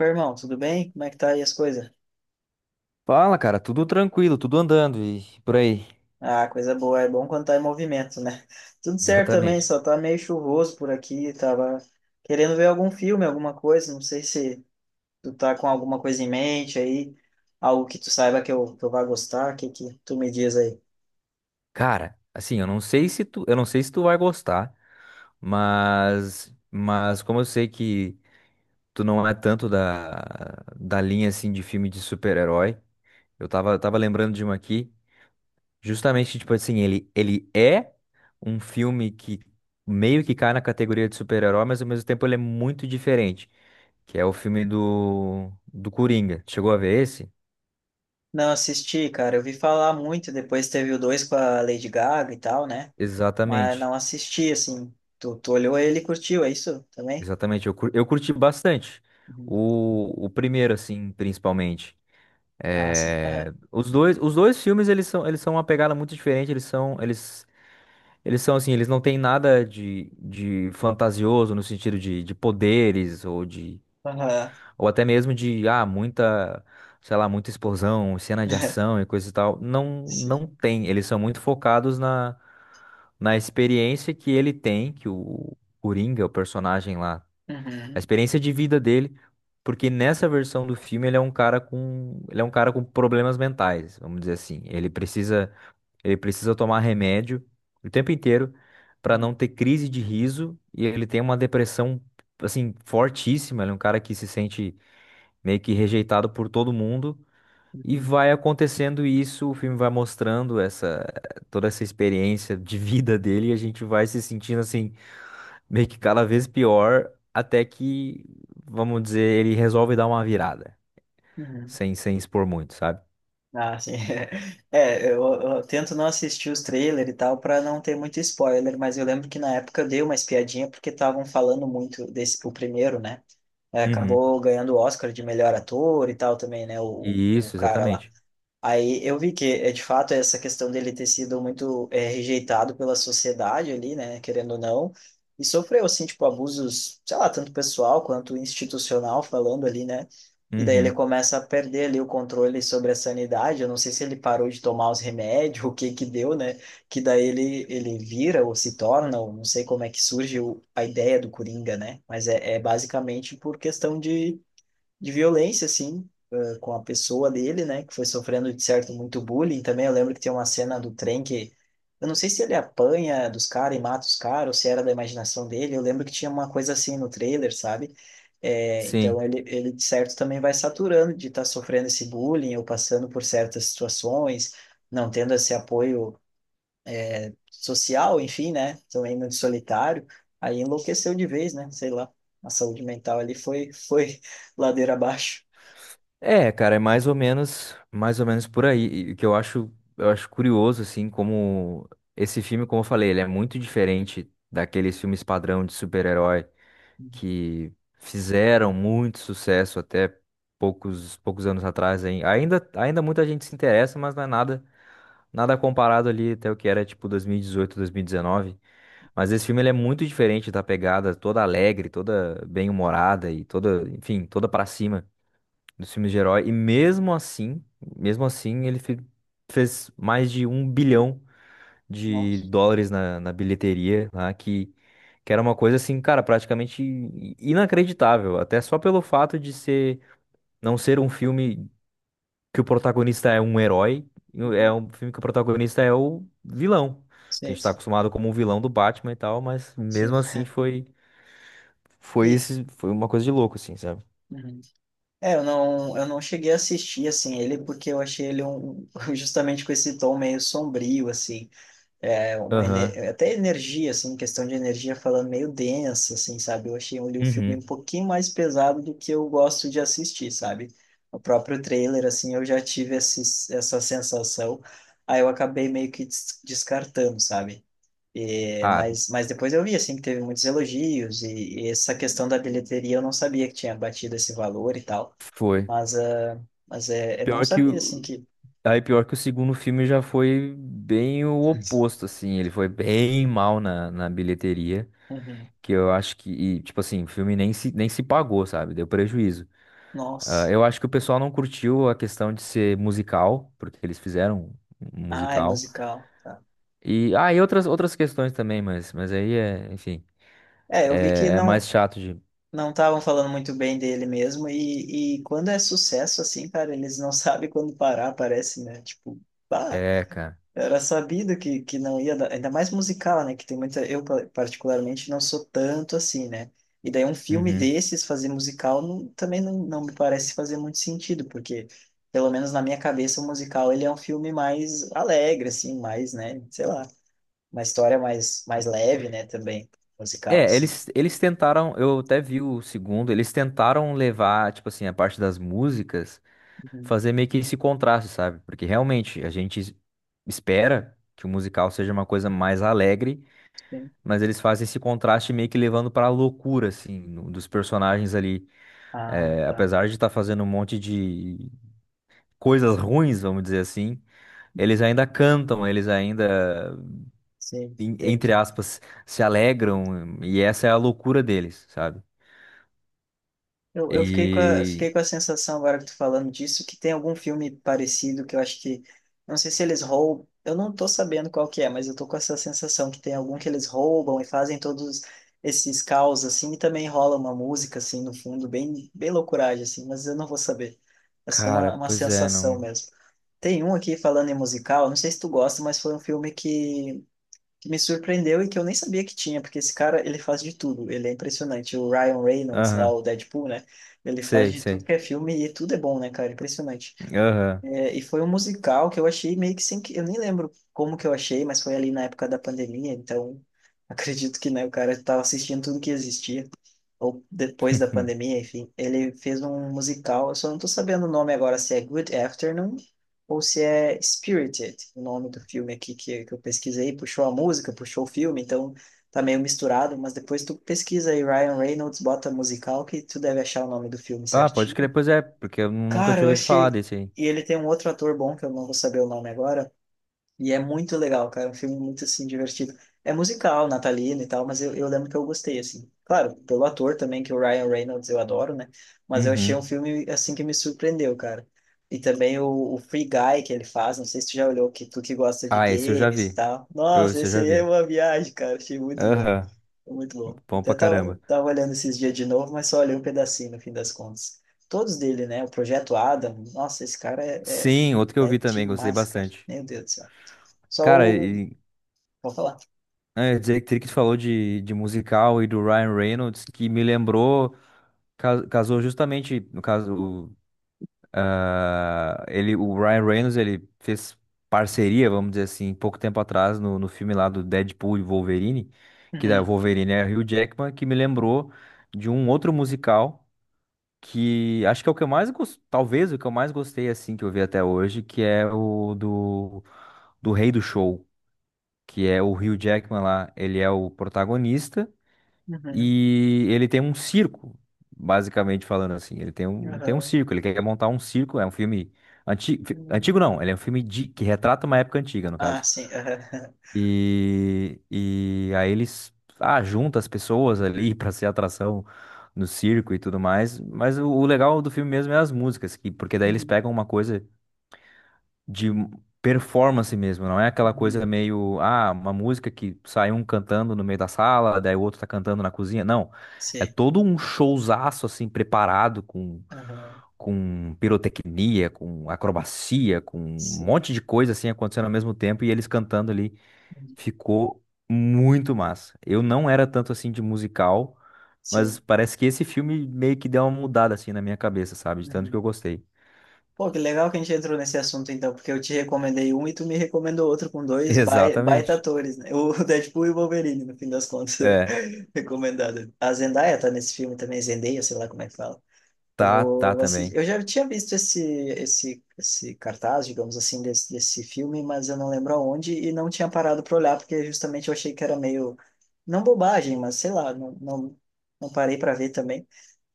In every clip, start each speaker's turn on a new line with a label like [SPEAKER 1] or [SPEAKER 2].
[SPEAKER 1] Meu irmão, tudo bem? Como é que tá aí as coisas?
[SPEAKER 2] Fala, cara, tudo tranquilo, tudo andando e por aí.
[SPEAKER 1] Ah, coisa boa, é bom quando tá em movimento, né? Tudo certo também,
[SPEAKER 2] Exatamente.
[SPEAKER 1] só tá meio chuvoso por aqui, tava querendo ver algum filme, alguma coisa, não sei se tu tá com alguma coisa em mente aí, algo que tu saiba que eu vá gostar, o que que tu me diz aí?
[SPEAKER 2] Cara, assim, eu não sei se tu vai gostar, mas como eu sei que tu não é tanto da linha assim de filme de super-herói, eu tava lembrando de um aqui, justamente tipo assim, ele é um filme que meio que cai na categoria de super-herói, mas ao mesmo tempo ele é muito diferente, que é o filme do Coringa. Chegou a ver esse?
[SPEAKER 1] Não assisti, cara, eu vi falar muito, depois teve o dois com a Lady Gaga e tal, né? Mas
[SPEAKER 2] Exatamente.
[SPEAKER 1] não assisti, assim, tu olhou ele e curtiu, é isso também?
[SPEAKER 2] Exatamente, eu curti bastante.
[SPEAKER 1] Uhum.
[SPEAKER 2] O primeiro, assim, principalmente.
[SPEAKER 1] Ah, sim. Aham.
[SPEAKER 2] É, os dois filmes, eles são uma pegada muito diferente, eles são assim, eles não têm nada de, de fantasioso no sentido de poderes ou de,
[SPEAKER 1] Aham.
[SPEAKER 2] ou até mesmo de, ah, muita, sei lá, muita explosão, cena de ação e coisa e tal. Não,
[SPEAKER 1] Sim.
[SPEAKER 2] não tem, eles são muito focados na, na experiência que ele tem, que o Coringa, o personagem lá a
[SPEAKER 1] Uhum.
[SPEAKER 2] experiência de vida dele, porque nessa versão do filme ele é um cara com, ele é um cara com problemas mentais, vamos dizer assim. Ele precisa tomar remédio o tempo inteiro para não
[SPEAKER 1] Uhum.
[SPEAKER 2] ter crise de riso e ele tem uma depressão assim fortíssima, ele é um cara que se sente meio que rejeitado por todo mundo. E
[SPEAKER 1] Uhum.
[SPEAKER 2] vai acontecendo isso, o filme vai mostrando essa toda essa experiência de vida dele e a gente vai se sentindo assim meio que cada vez pior, até que, vamos dizer, ele resolve dar uma virada,
[SPEAKER 1] Uhum.
[SPEAKER 2] sem expor muito, sabe?
[SPEAKER 1] Ah, sim. Eu tento não assistir os trailers e tal para não ter muito spoiler, mas eu lembro que na época eu dei uma espiadinha porque estavam falando muito desse, o primeiro, né? É,
[SPEAKER 2] Uhum.
[SPEAKER 1] acabou ganhando o Oscar de melhor ator e tal também, né? O
[SPEAKER 2] Isso,
[SPEAKER 1] cara lá.
[SPEAKER 2] exatamente.
[SPEAKER 1] Aí eu vi que, é, de fato, essa questão dele ter sido muito é, rejeitado pela sociedade ali, né, querendo ou não, e sofreu, assim, tipo, abusos, sei lá, tanto pessoal quanto institucional falando ali, né, e daí ele
[SPEAKER 2] Uhum.
[SPEAKER 1] começa a perder ali o controle sobre a sanidade, eu não sei se ele parou de tomar os remédios, o que que deu, né, que daí ele vira ou se torna, ou não sei como é que surge o, a ideia do Coringa, né, mas é, é basicamente por questão de violência, assim, com a pessoa dele, né, que foi sofrendo, de certo, muito bullying também. Eu lembro que tem uma cena do trem que, eu não sei se ele apanha dos caras e mata os caras, ou se era da imaginação dele. Eu lembro que tinha uma coisa assim no trailer, sabe? Então
[SPEAKER 2] Sim.
[SPEAKER 1] de certo, também vai saturando de estar sofrendo esse bullying ou passando por certas situações, não tendo esse apoio social, enfim, né, também muito solitário. Aí enlouqueceu de vez, né, sei lá. A saúde mental ali foi ladeira abaixo.
[SPEAKER 2] É, cara, é mais ou menos por aí. E o que eu acho curioso, assim, como esse filme, como eu falei, ele é muito diferente daqueles filmes padrão de super-herói que fizeram muito sucesso até poucos anos atrás. Hein? Ainda muita gente se interessa, mas não é nada comparado ali até o que era tipo 2018, 2019. Mas esse filme ele é muito diferente da pegada toda alegre, toda bem-humorada e toda, enfim, toda pra cima dos filmes de herói. E mesmo assim, fez mais de um bilhão de
[SPEAKER 1] Nossa.
[SPEAKER 2] dólares na bilheteria, lá, que era uma coisa assim, cara, praticamente inacreditável. Até só pelo fato de ser, não ser um filme que o protagonista é um herói, é
[SPEAKER 1] Uhum.
[SPEAKER 2] um filme que o protagonista é o vilão, que a
[SPEAKER 1] Sei,
[SPEAKER 2] gente tá
[SPEAKER 1] sim,
[SPEAKER 2] acostumado como um vilão do Batman e tal, mas
[SPEAKER 1] sei.
[SPEAKER 2] mesmo assim foi foi
[SPEAKER 1] E,
[SPEAKER 2] esse foi uma coisa de louco assim, sabe?
[SPEAKER 1] uhum. Eu não cheguei a assistir, assim, ele, porque eu achei ele um, justamente com esse tom meio sombrio, assim, é, uma, ene-
[SPEAKER 2] Aham.
[SPEAKER 1] até energia, assim, questão de energia falando meio densa, assim, sabe? Eu achei ele um filme um
[SPEAKER 2] Uhum.
[SPEAKER 1] pouquinho mais pesado do que eu gosto de assistir, sabe? O próprio trailer, assim, eu já tive esse, essa sensação, aí eu acabei meio que des- descartando, sabe? É,
[SPEAKER 2] Ah,
[SPEAKER 1] mas depois eu vi, assim, que teve muitos elogios e essa questão da bilheteria eu não sabia que tinha batido esse valor e tal.
[SPEAKER 2] foi.
[SPEAKER 1] Mas, ah, mas é, é bom
[SPEAKER 2] Pior que
[SPEAKER 1] saber, assim,
[SPEAKER 2] o
[SPEAKER 1] que...
[SPEAKER 2] Aí pior que o segundo filme já foi bem o oposto, assim, ele foi bem mal na bilheteria,
[SPEAKER 1] Uhum.
[SPEAKER 2] que eu acho que, e, tipo assim, o filme nem se pagou, sabe? Deu prejuízo. Ah,
[SPEAKER 1] Nossa.
[SPEAKER 2] eu acho que o pessoal não curtiu a questão de ser musical, porque eles fizeram um
[SPEAKER 1] Ah, é
[SPEAKER 2] musical.
[SPEAKER 1] musical. Tá.
[SPEAKER 2] E, ah, e outras, outras questões também, mas aí é, enfim,
[SPEAKER 1] É, eu vi que
[SPEAKER 2] é, é
[SPEAKER 1] não
[SPEAKER 2] mais chato de.
[SPEAKER 1] não estavam falando muito bem dele mesmo e quando é sucesso, assim, cara, eles não sabem quando parar, parece, né? Tipo, ah,
[SPEAKER 2] É, cara.
[SPEAKER 1] era sabido que não ia dar, ainda mais musical, né? Que tem muita. Eu, pa- particularmente, não sou tanto assim, né? E daí, um filme
[SPEAKER 2] Uhum.
[SPEAKER 1] desses, fazer musical, não- também não me parece fazer muito sentido, porque, pelo menos na minha cabeça, o musical ele é um filme mais alegre, assim, mais, né? Sei lá, uma história mais, mais leve, né? Também, musical,
[SPEAKER 2] É,
[SPEAKER 1] assim.
[SPEAKER 2] eles tentaram, eu até vi o segundo, eles tentaram levar, tipo assim, a parte das músicas,
[SPEAKER 1] Uhum,
[SPEAKER 2] fazer meio que esse contraste, sabe? Porque realmente espera que o musical seja uma coisa mais alegre,
[SPEAKER 1] sim.
[SPEAKER 2] mas eles fazem esse contraste meio que levando pra loucura, assim, no- dos personagens ali.
[SPEAKER 1] Ah,
[SPEAKER 2] É,
[SPEAKER 1] tá.
[SPEAKER 2] apesar de estar fazendo um monte de coisas ruins, vamos dizer assim, eles ainda cantam,
[SPEAKER 1] Sim,
[SPEAKER 2] entre
[SPEAKER 1] entendi.
[SPEAKER 2] aspas, se alegram, e essa é a loucura deles, sabe?
[SPEAKER 1] Eu fiquei
[SPEAKER 2] E,
[SPEAKER 1] com a sensação, agora que tu falando disso, que tem algum filme parecido que eu acho que. Não sei se eles roubam. Eu não tô sabendo qual que é, mas eu tô com essa sensação que tem algum que eles roubam e fazem todos esses caos, assim, e também rola uma música, assim, no fundo, bem, bem loucuragem, assim, mas eu não vou saber. É só
[SPEAKER 2] cara,
[SPEAKER 1] uma
[SPEAKER 2] pois é,
[SPEAKER 1] sensação
[SPEAKER 2] não.
[SPEAKER 1] mesmo. Tem um aqui falando em musical, não sei se tu gosta, mas foi um filme que me surpreendeu e que eu nem sabia que tinha, porque esse cara, ele faz de tudo, ele é impressionante. O Ryan Reynolds, lá,
[SPEAKER 2] Aham,
[SPEAKER 1] o Deadpool, né? Ele faz
[SPEAKER 2] sei,
[SPEAKER 1] de tudo
[SPEAKER 2] sei.
[SPEAKER 1] que é filme e tudo é bom, né, cara? Impressionante.
[SPEAKER 2] Aham.
[SPEAKER 1] É, e foi um musical que eu achei meio que sem... que- Eu nem lembro como que eu achei, mas foi ali na época da pandemia, então acredito que, né, o cara estava assistindo tudo que existia, ou depois da pandemia, enfim. Ele fez um musical, eu só não tô sabendo o nome agora, se é Good Afternoon ou se é Spirited, o nome do filme aqui que eu pesquisei, puxou a música, puxou o filme, então tá meio misturado, mas depois tu pesquisa aí Ryan Reynolds, bota musical, que tu deve achar o nome do filme
[SPEAKER 2] Ah, pode
[SPEAKER 1] certinho.
[SPEAKER 2] crer, pois é, porque eu nunca
[SPEAKER 1] Cara,
[SPEAKER 2] tinha
[SPEAKER 1] eu
[SPEAKER 2] ouvido falar
[SPEAKER 1] achei.
[SPEAKER 2] desse aí.
[SPEAKER 1] E ele tem um outro ator bom, que eu não vou saber o nome agora. E é muito legal, cara. É um filme muito, assim, divertido. É musical, natalino e tal, mas eu lembro que eu gostei, assim. Claro, pelo ator também, que o Ryan Reynolds eu adoro, né? Mas eu achei um
[SPEAKER 2] Uhum.
[SPEAKER 1] filme, assim, que me surpreendeu, cara. E também o Free Guy que ele faz, não sei se tu já olhou, que tu que gosta de
[SPEAKER 2] Ah, esse eu já
[SPEAKER 1] games e
[SPEAKER 2] vi.
[SPEAKER 1] tal. Nossa,
[SPEAKER 2] Esse eu
[SPEAKER 1] esse
[SPEAKER 2] já
[SPEAKER 1] aí é
[SPEAKER 2] vi.
[SPEAKER 1] uma viagem, cara. Achei muito bom.
[SPEAKER 2] Aham,
[SPEAKER 1] Muito bom.
[SPEAKER 2] bom
[SPEAKER 1] Até
[SPEAKER 2] pra
[SPEAKER 1] tava,
[SPEAKER 2] caramba.
[SPEAKER 1] tava olhando esses dias de novo, mas só olhei um pedacinho no fim das contas. Todos dele, né? O Projeto Adam. Nossa, esse cara é,
[SPEAKER 2] Sim, outro que
[SPEAKER 1] é,
[SPEAKER 2] eu
[SPEAKER 1] é
[SPEAKER 2] vi também, gostei
[SPEAKER 1] demais, cara.
[SPEAKER 2] bastante.
[SPEAKER 1] Meu Deus do céu. Só
[SPEAKER 2] Cara,
[SPEAKER 1] o. Vou falar.
[SPEAKER 2] é, dizer que tu falou de musical e do Ryan Reynolds, que me lembrou, casou justamente, no caso, ah, ele, o Ryan Reynolds, ele fez parceria, vamos dizer assim, pouco tempo atrás, no filme lá do Deadpool e Wolverine, que da
[SPEAKER 1] Uhum,
[SPEAKER 2] Wolverine é Hugh Jackman, que me lembrou de um outro musical, que acho que é o que eu mais gostei, talvez o que eu mais gostei, assim, que eu vi até hoje, que é o do Rei do Show, que é o Hugh Jackman lá, ele é o protagonista,
[SPEAKER 1] uhum,
[SPEAKER 2] e ele tem um circo, basicamente falando assim. Tem um
[SPEAKER 1] aham,
[SPEAKER 2] circo, ele quer montar um circo. É um filme antigo, antigo não,
[SPEAKER 1] uhum.
[SPEAKER 2] ele é um filme de- que retrata uma época antiga, no
[SPEAKER 1] Ah,
[SPEAKER 2] caso.
[SPEAKER 1] sim. Aham.
[SPEAKER 2] E aí eles ah, juntam as pessoas ali pra ser atração no circo e tudo mais. Mas o legal do filme mesmo é as músicas, que, porque daí eles
[SPEAKER 1] Uhum,
[SPEAKER 2] pegam uma coisa de performance mesmo, não é aquela coisa
[SPEAKER 1] uhum.
[SPEAKER 2] meio, ah, uma música que sai um cantando no meio da sala, daí o outro tá cantando na cozinha. Não, é
[SPEAKER 1] Sim.
[SPEAKER 2] todo um showzaço assim preparado
[SPEAKER 1] Aham.
[SPEAKER 2] com pirotecnia, com acrobacia, com um
[SPEAKER 1] Sim.
[SPEAKER 2] monte de coisa assim acontecendo ao mesmo tempo e eles cantando ali.
[SPEAKER 1] Uhum.
[SPEAKER 2] Ficou muito massa. Eu não era tanto assim de musical, mas
[SPEAKER 1] Sim.
[SPEAKER 2] parece que esse filme meio que deu uma mudada assim na minha cabeça, sabe? De tanto que
[SPEAKER 1] Uhum.
[SPEAKER 2] eu gostei.
[SPEAKER 1] Pô, que legal que a gente entrou nesse assunto então, porque eu te recomendei um e tu me recomendou outro com dois bai- baita
[SPEAKER 2] Exatamente.
[SPEAKER 1] atores, né? O Deadpool e o Wolverine, no fim das contas,
[SPEAKER 2] É,
[SPEAKER 1] recomendado. A Zendaya tá nesse filme também, Zendaya, sei lá como é que fala. Eu
[SPEAKER 2] tá, tá
[SPEAKER 1] vou assistir.
[SPEAKER 2] também.
[SPEAKER 1] Eu já tinha visto esse cartaz, digamos assim, desse filme, mas eu não lembro aonde e não tinha parado para olhar porque justamente eu achei que era meio não bobagem, mas sei lá, não parei para ver também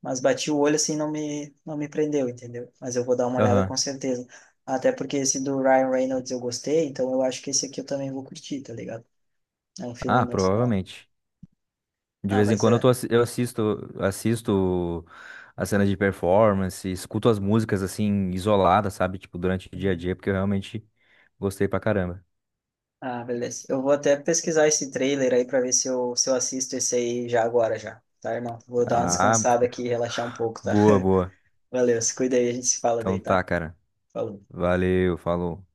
[SPEAKER 1] mas bati o olho assim, não me prendeu, entendeu? Mas eu vou dar uma olhada
[SPEAKER 2] Aham.
[SPEAKER 1] com certeza. Até porque esse do Ryan Reynolds eu gostei, então eu acho que esse aqui eu também vou curtir, tá ligado? É um filme
[SPEAKER 2] Ah,
[SPEAKER 1] muito da hora.
[SPEAKER 2] provavelmente. De
[SPEAKER 1] Ah,
[SPEAKER 2] vez em
[SPEAKER 1] mas
[SPEAKER 2] quando eu, tô,
[SPEAKER 1] é.
[SPEAKER 2] assi- eu assisto, assisto as cenas de performance, escuto as músicas assim, isoladas, sabe? Tipo, durante o dia a
[SPEAKER 1] Uhum.
[SPEAKER 2] dia, porque eu realmente gostei pra caramba.
[SPEAKER 1] Ah, beleza. Eu vou até pesquisar esse trailer aí pra ver se eu assisto esse aí já agora já, tá, irmão? Vou
[SPEAKER 2] Hum.
[SPEAKER 1] dar uma
[SPEAKER 2] Ah,
[SPEAKER 1] descansada aqui e relaxar um pouco, tá?
[SPEAKER 2] boa, boa.
[SPEAKER 1] Valeu, se cuida aí, a gente se fala
[SPEAKER 2] Então
[SPEAKER 1] daí,
[SPEAKER 2] tá,
[SPEAKER 1] tá?
[SPEAKER 2] cara.
[SPEAKER 1] Falou.
[SPEAKER 2] Valeu, falou.